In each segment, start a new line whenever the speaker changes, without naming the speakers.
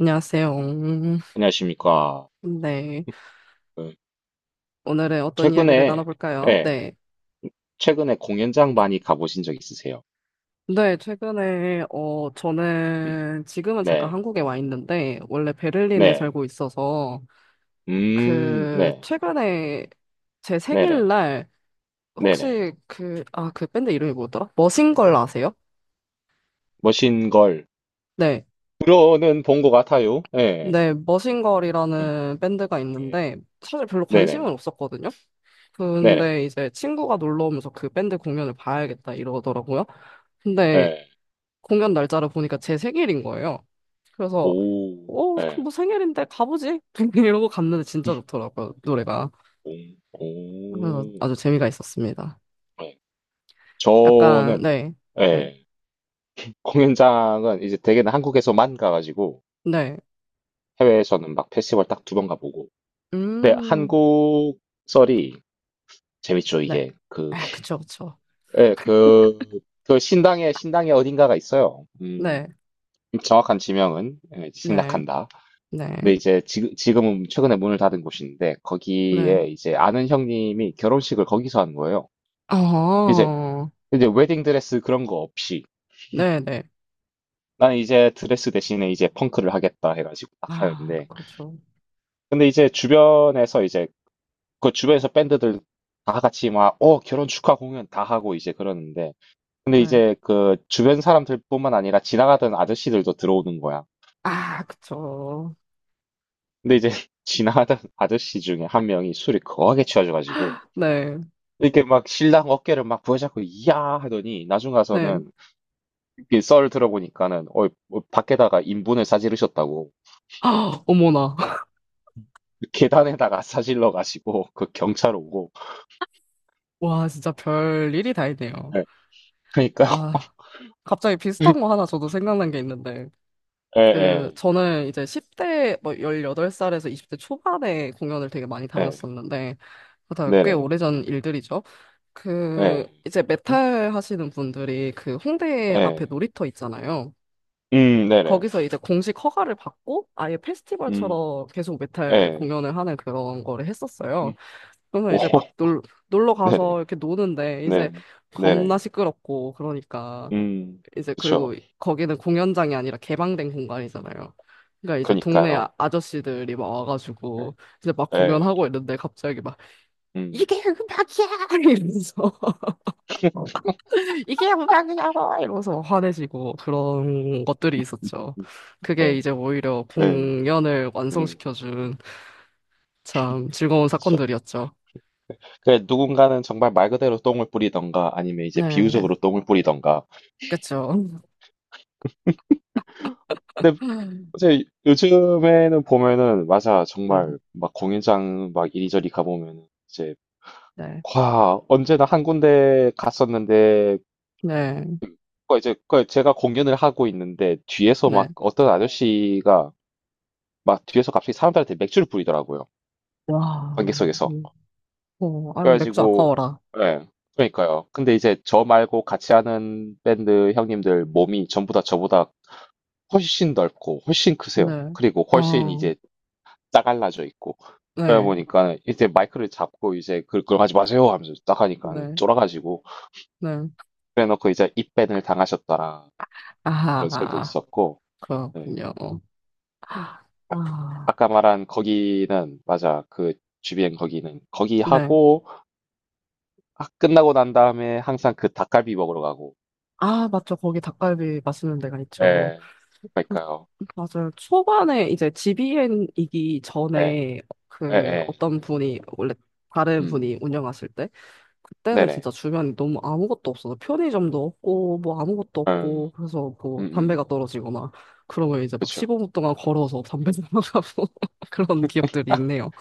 안녕하세요.
안녕하십니까.
네.
그,
오늘은 어떤 이야기를
최근에,
나눠볼까요?
예,
네.
최근에 공연장 많이 가보신 적 있으세요?
네, 최근에,
음,
저는 지금은 잠깐
네,
한국에 와 있는데, 원래 베를린에
네,
살고 있어서, 그,
네,
최근에 제
네네,
생일날,
네네.
혹시 그, 아, 그 밴드 이름이 뭐더라? 머신걸 아세요?
멋진 걸.
네.
들어는 본 것 같아요. 예,
네,
예,
머신걸이라는 밴드가 있는데, 사실 별로 관심은
네네,
없었거든요?
네네,
근데 이제 친구가 놀러 오면서 그 밴드 공연을 봐야겠다 이러더라고요. 근데
예,
공연 날짜를 보니까 제 생일인 거예요. 그래서
오,
그럼
예,
뭐 생일인데 가보지? 이러고 갔는데 진짜 좋더라고요, 노래가.
오,
그래서
오,
아주 재미가 있었습니다.
예.
약간
저는,
네, 네,
예, 공연장은 이제 대개는 한국에서만 가가지고
네,
해외에서는 막 페스티벌 딱 두 번 가보고. 네
음,
한국, 썰이 재밌죠,
네,
이게.
아, 그쵸, 그쵸,
예, 그 신당에 어딘가가 있어요.
네,
정확한 지명은 예,
네,
생략한다.
네,
근데 이제 지금은 최근에 문을 닫은 곳인데,
네,
거기에 이제 아는 형님이 결혼식을 거기서 한 거예요. 이제,
어,
이제 웨딩 드레스 그런 거 없이.
네, 네,
나는 이제 드레스 대신에 이제 펑크를 하겠다 해가지고 딱
아,
하는데.
그렇죠,
근데 이제 주변에서 이제, 그 주변에서 밴드들 다 같이 막, 결혼 축하 공연 다 하고 이제 그러는데, 근데
네,
이제 그 주변 사람들뿐만 아니라 지나가던 아저씨들도 들어오는 거야.
아, 그쵸,
근데 이제 지나가던 아저씨 중에 한 명이 술이 거하게 취해져가지고
네,
이렇게 막 신랑 어깨를 막 부여잡고 이야 하더니 나중
네,
가서는 이썰 들어보니까는 밖에다가 인분을 싸지르셨다고
아, 어머나,
계단에다가 싸질러 가지고 그 경찰 오고.
와, 진짜 별 일이 다 있네요.
예, 그러니까.
아. 갑자기 비슷한 거 하나 저도 생각난 게 있는데, 그,
예예예
저는 이제 10대, 뭐, 18살에서 20대 초반에 공연을 되게 많이 다녔었는데, 다꽤
네네
오래전 일들이죠. 그,
예
이제 메탈 하시는 분들이 그 홍대 앞에
예.
놀이터 있잖아요.
네네.
거기서 이제 공식 허가를 받고 아예
음,
페스티벌처럼 계속 메탈
예.
공연을 하는 그런 거를 했었어요.
음,
그러면
오,
이제 막 놀, 놀러 가서
네네.
이렇게 노는데, 이제
네.
겁나
네네.
시끄럽고, 그러니까.
음.
이제 그리고
그쵸.
거기는 공연장이 아니라 개방된 공간이잖아요. 그러니까 이제 동네
그니까요.
아저씨들이 막
러
와가지고 이제 막
예. 예.
공연하고 있는데 갑자기 막
음.
이게 음악이야 이러면서 이게 음악이냐고 이러면서 화내시고 그런 것들이 있었죠.
음.
그게
네,
이제 오히려
예. 예.
공연을
음. 음.
완성시켜준 참 즐거운
그쵸.
사건들이었죠.
그 누군가는 정말 말 그대로 똥을 뿌리던가 아니면 이제
네,
비유적으로 똥을 뿌리던가.
그쵸. 네,
이제 요즘에는 보면은 맞아. 정말 막 공연장 막 이리저리 가보면은 이제
네,
와 언제나 한 군데 갔었는데
네.
그 이제 그 제가 공연을 하고 있는데 뒤에서
네.
막 어떤 아저씨가 막 뒤에서 갑자기 사람들한테 맥주를 뿌리더라고요.
와,
관객석에서.
음, 어, 아, 맥주
그래가지고,
아까워라.
예. 그러니까요. 근데 이제 저 말고 같이 하는 밴드 형님들 몸이 전부 다 저보다 훨씬 넓고, 훨씬 크세요.
네.
그리고 네. 훨씬
어,
이제 짜갈라져 있고. 그러다
네,
보니까 이제 마이크를 잡고 이제 그걸 하지 마세요 하면서 딱 하니까
네,
쫄아가지고.
네.
그래놓고 이제 입밴을 당하셨다라. 그런 썰도
아,
있었고. 예.
그렇군요. 아,
아- 아까 말한 거기는, 맞아. 그 주변 거기는. 거기
네.
하고, 아, 끝나고 난 다음에 항상 그 닭갈비 먹으러 가고.
아, 맞죠. 거기 닭갈비 맛있는 데가 있죠.
네
그,
그러니까요.
맞아요. 초반에 이제 GBN이기
네
전에 그
예예.
어떤 분이, 원래 다른 분이
음.
운영하실 때, 그때는
네네.
진짜 주변이 너무 아무것도 없어서 편의점도 없고, 뭐 아무것도
음.
없고, 그래서 뭐 담배가
음음.
떨어지거나, 그러면 이제 막
그쵸.
15분 동안 걸어서 담배 사러 가고 그런 기억들이 있네요.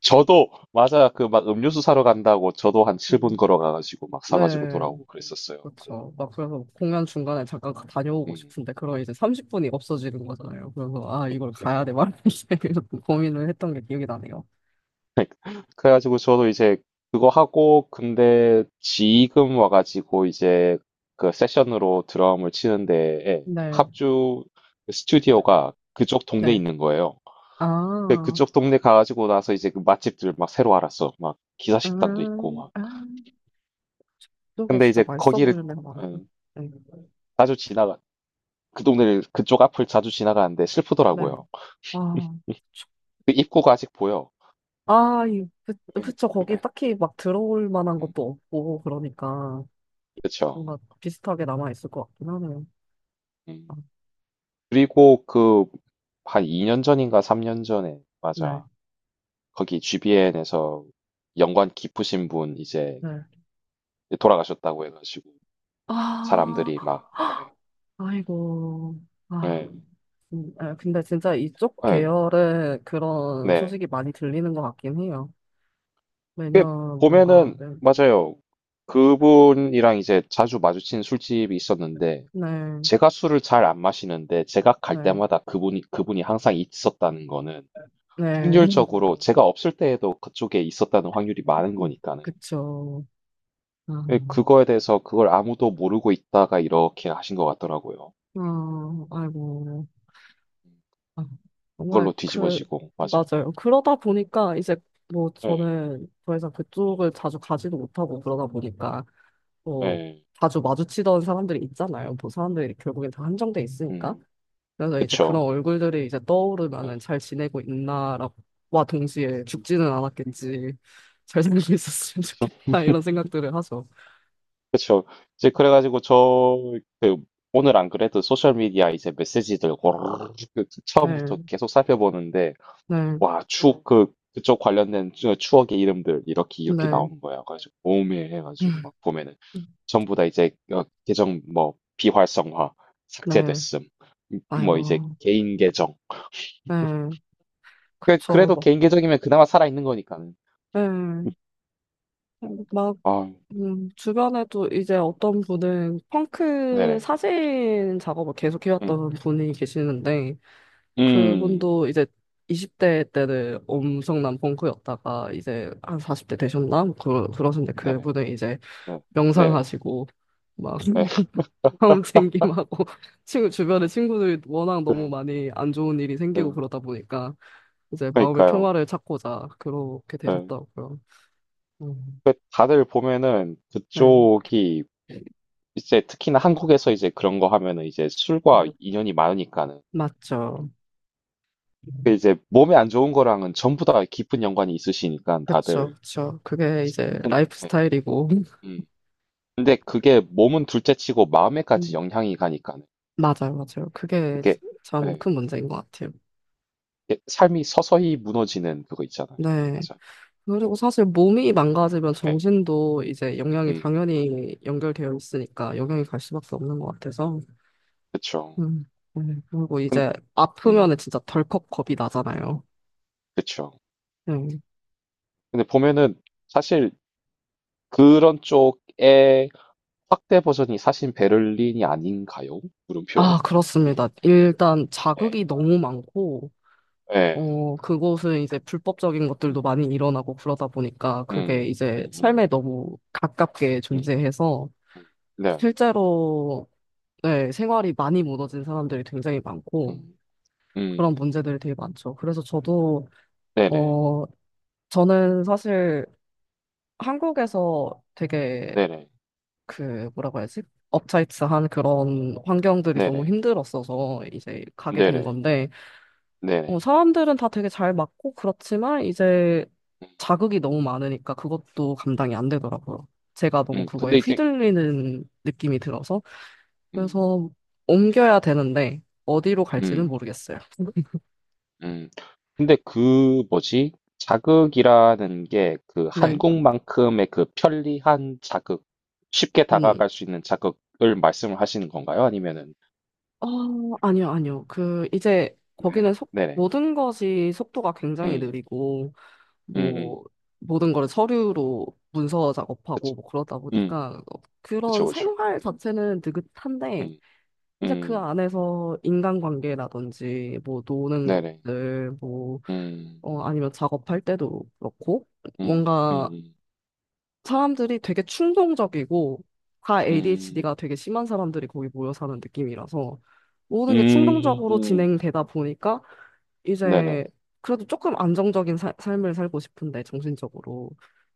저도 맞아요. 그 막 음료수 사러 간다고 저도 한 7분
음.
걸어가 가지고 막 사
네,
가지고 돌아오고 그랬었어요. 맞아요.
그렇죠. 막 그래서 공연 중간에 잠깐 다녀오고
음.
싶은데 그럼 이제
음.
30분이 없어지는 거잖아요. 그래서 아 이걸 가야 돼
그러니까.
말이야 이렇게 고민을 했던 게 기억이 나네요.
그러니까 그래 가지고 저도 이제 그거 하고 근데 지금 와 가지고 이제 그 세션으로 드럼을 치는데 예
네,
합주 스튜디오가 그쪽 동네에
네.
있는 거예요. 그-
아,
그쪽 동네 가가지고 나서 이제 그 맛집들 막 새로 알았어. 막 기사식당도 있고 막.
아, 이게
근데
진짜
이제
맛있어
거기를
보이는 데가 많아요.
음,
네,
자주 지나가 그 동네를 그쪽 앞을 자주 지나가는데
네.
슬프더라고요.
아, 그쵸.
그 입구가 아직 보여.
아, 이, 그,
음,
그쵸. 거기 딱히 막 들어올 만한
음,
것도 없고 그러니까
그쵸.
뭔가 비슷하게 남아 있을 것 같긴 하네요. 아,
음. 그리고 그 한 2년 전인가 3년 전에
네,
맞아. 거기 GBN에서 연관 깊으신 분 이제
네.
돌아가셨다고 해가지고 사람들이
아.
막 예,
아이고. 아,
예,
아, 근데 진짜 이쪽
예,
계열에 그런
네.
소식이 많이 들리는 것 같긴 해요. 매년 뭔가,
봄에는
네,
맞아요. 그분이랑 이제 자주 마주친 술집이 있었는데
네,
제가 술을 잘 안 마시는데 제가 갈
네,
때마다 그분이 항상 있었다는 거는
네.
확률적으로 제가 없을 때에도 그쪽에 있었다는 확률이 많은 거니까는.
그쵸. 아,
근데 그거에 대해서 그걸 아무도 모르고 있다가 이렇게 하신 것 같더라고요.
아, 아이고. 아, 정말
그걸로
그,
뒤집어지고 맞아.
맞아요. 그러다 보니까 이제 뭐
예,
저는 더 이상 그쪽을 자주 가지도 못하고 그러다 보니까 뭐
예,
자주 마주치던 사람들이 있잖아요. 뭐 사람들이 결국엔 다 한정돼 있으니까.
음,
그래서 이제 그런
그쵸.
얼굴들이 이제 떠오르면은 잘 지내고 있나라고, 와 동시에 죽지는
예.
않았겠지. 잘 살고 있었으면 좋겠다. 이런 생각들을 하죠.
그쵸. 이제 그래가지고 저 그 오늘 안 그래도 소셜 미디어 이제 메시지들 고르르 그
네,
처음부터 계속 살펴보는데
네,
와 추억 네. 그 그쪽 관련된 추억의 이름들 이렇게 이렇게
네.
나오는 거야. 가지고 오메해가지고
음,
막 보면은 전부 다 이제 계정 뭐 비활성화
네,
삭제됐음. 뭐 이제
아이고,
개인 계정.
네,
그-
그쵸,
그래도
뭐,
개인 계정이면 그나마 살아 있는 거니까는.
네, 막,
아
주변에도 이제 어떤 분은 펑크
네네.
사진 작업을 계속
음.
해왔던 분이 계시는데,
음.
그분도 이제 20대 때는 엄청난 펑크였다가 이제 한 40대 되셨나? 뭐 그러셨는데
네네.
그분은 이제
네. 네네.
명상하시고 막
네.
마음 챙김하고 친구 주변에 친구들이 워낙 너무
음.
많이 안 좋은 일이 생기고
음.
그러다 보니까 이제 마음의
그러니까요.
평화를 찾고자 그렇게
예.
되셨다고요. 음,
그 다들 보면은
네,
그쪽이 이제 특히나 한국에서 이제 그런 거 하면은 이제 술과
네,
인연이 많으니까는
맞죠.
그 이제 몸에 안 좋은 거랑은 전부 다 깊은 연관이 있으시니까
그쵸,
다들
그쵸. 그게 이제 라이프
예,
스타일이고.
음. 근데 그게 몸은 둘째치고 마음에까지 영향이 가니까
맞아요, 맞아요. 그게
이게
참
예,
큰 문제인 것 같아요.
이게 삶이 서서히 무너지는 그거 있잖아요.
네.
맞아요.
그리고 사실 몸이 망가지면
예.
정신도 이제 영향이
음,
당연히 연결되어 있으니까 영향이 갈 수밖에 없는 것 같아서.
그쵸.
음, 네. 그리고
근,
이제 아프면은
음,
진짜 덜컥 겁이 나잖아요.
그쵸.
네.
근데 보면은 사실 그런 쪽에 확대 버전이 사실 베를린이 아닌가요? 물음표.
아,
이게
그렇습니다. 일단 자극이
예.
너무 많고,
예.
어, 그곳은 이제 불법적인
음.
것들도 많이 일어나고 그러다 보니까 그게
음.
이제
음.
삶에
음.
너무 가깝게
음.
존재해서
음. 네.
실제로 네, 생활이 많이 무너진 사람들이 굉장히 많고,
음.
그런
음.
문제들이 되게 많죠. 그래서 저도,
네네.
어, 저는 사실 한국에서 되게
네네.
그, 뭐라고 해야지? 업차이츠한 그런 환경들이 너무
네네.
힘들었어서 이제 가게 된
네네.
건데, 어,
네네.
사람들은 다 되게 잘 맞고 그렇지만 이제
음.
자극이 너무 많으니까 그것도 감당이 안 되더라고요. 제가 너무
음.
그거에
근데 이제
휘둘리는 느낌이 들어서,
음.
그래서 옮겨야 되는데, 어디로 갈지는
음.
모르겠어요.
음. 근데 그 뭐지? 자극이라는 게 그
네.
한국만큼의 그 편리한 자극, 쉽게
음.
다가갈 수 있는 자극을 말씀을 하시는 건가요? 아니면은
어, 아니요, 아니요. 그, 이제, 거기는
네.
속,
네네.
모든 것이 속도가 굉장히
음.
느리고,
음. 음.
뭐, 모든 걸 서류로 문서 작업하고,
그쵸.
뭐, 그러다
음.
보니까, 어, 그런
그쵸, 그쵸.
생활 자체는 느긋한데,
음.
이제 그
음.
안에서 인간관계라든지, 뭐, 노는
네네.
것들, 뭐,
음.
어, 아니면 작업할 때도 그렇고,
음.
뭔가 사람들이 되게 충동적이고 다 ADHD가
음.
되게 심한 사람들이 거기 모여 사는 느낌이라서 모든 게
음.
충동적으로
음,
진행되다 보니까 이제
네네.
그래도 조금 안정적인 삶을 살고 싶은데 정신적으로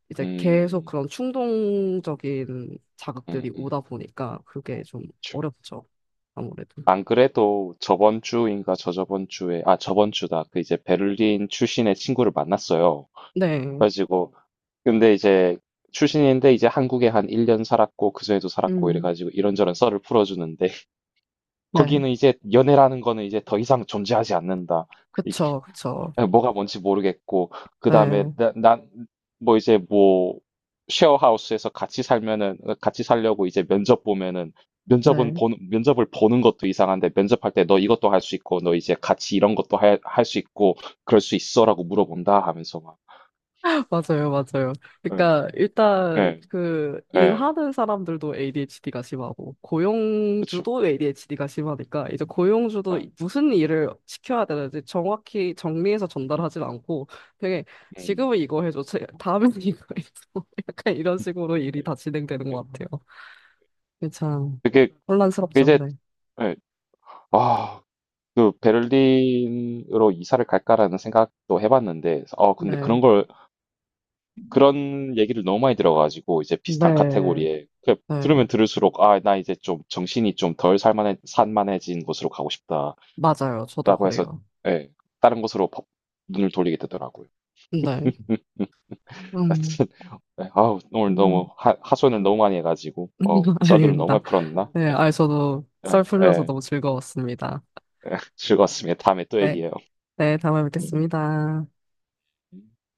이제 계속
음.
그런 충동적인 자극들이
음음.
오다 보니까 그게 좀
그쵸.
어렵죠. 아무래도.
안 그래도 저번 주인가 저저번 주에 아 저번 주다. 그 이제 베를린 출신의 친구를 만났어요. 그래
네.
가지고 근데 이제 출신인데 이제 한국에 한 1년 살았고 그전에도 살았고 이래
음.
가지고 이런저런 썰을 풀어 주는데. 거기는
네.
이제 연애라는 거는 이제 더 이상 존재하지 않는다.
그쵸. 그쵸.
뭐가 뭔지 모르겠고 그 다음에
네.
난 뭐 이제 뭐 쉐어하우스에서 같이 살면은 같이 살려고 이제 면접 보면은 면접은
네.
보는 면접을 보는 것도 이상한데 면접할 때 너 이것도 할 수 있고 너 이제 같이 이런 것도 할 수 있고 그럴 수 있어라고 물어본다 하면서 막
맞아요, 맞아요.
예,
그러니까 일단
예,
그
예,
일하는 사람들도 ADHD가 심하고
그렇죠.
고용주도 ADHD가 심하니까 이제 고용주도
예,
무슨 일을 시켜야 되는지 정확히 정리해서
음,
전달하진 않고 되게
음,
지금은 이거 해줘, 다음엔 이거 해줘 약간 이런 식으로
예,
일이 다 진행되는
예.
것 같아요. 이게 참
그게 그게
혼란스럽죠.
이제
네,
예, 아, 그 베를린으로 이사를 갈까라는 생각도 해봤는데 근데 그런
네,
걸 그런 얘기를 너무 많이 들어가지고 이제 비슷한
네,
카테고리에 그
네,
들으면 들을수록 아, 나 이제 좀 정신이 좀 덜 살만해 산만해진 곳으로 가고 싶다라고
맞아요. 저도
해서
그래요.
예, 다른 곳으로 눈을 돌리게 되더라고요.
네, 음,
하여튼 예, 아우 오늘
음,
너무 하소연을 너무 많이 해가지고 썰들을 너무
아닙니다.
많이 풀었나?
네,
예,
아, 저도 썰
예,
풀려서
예,
너무 즐거웠습니다.
예, 즐거웠습니다. 다음에 또
네,
얘기해요.
네, 다음에 뵙겠습니다.
예.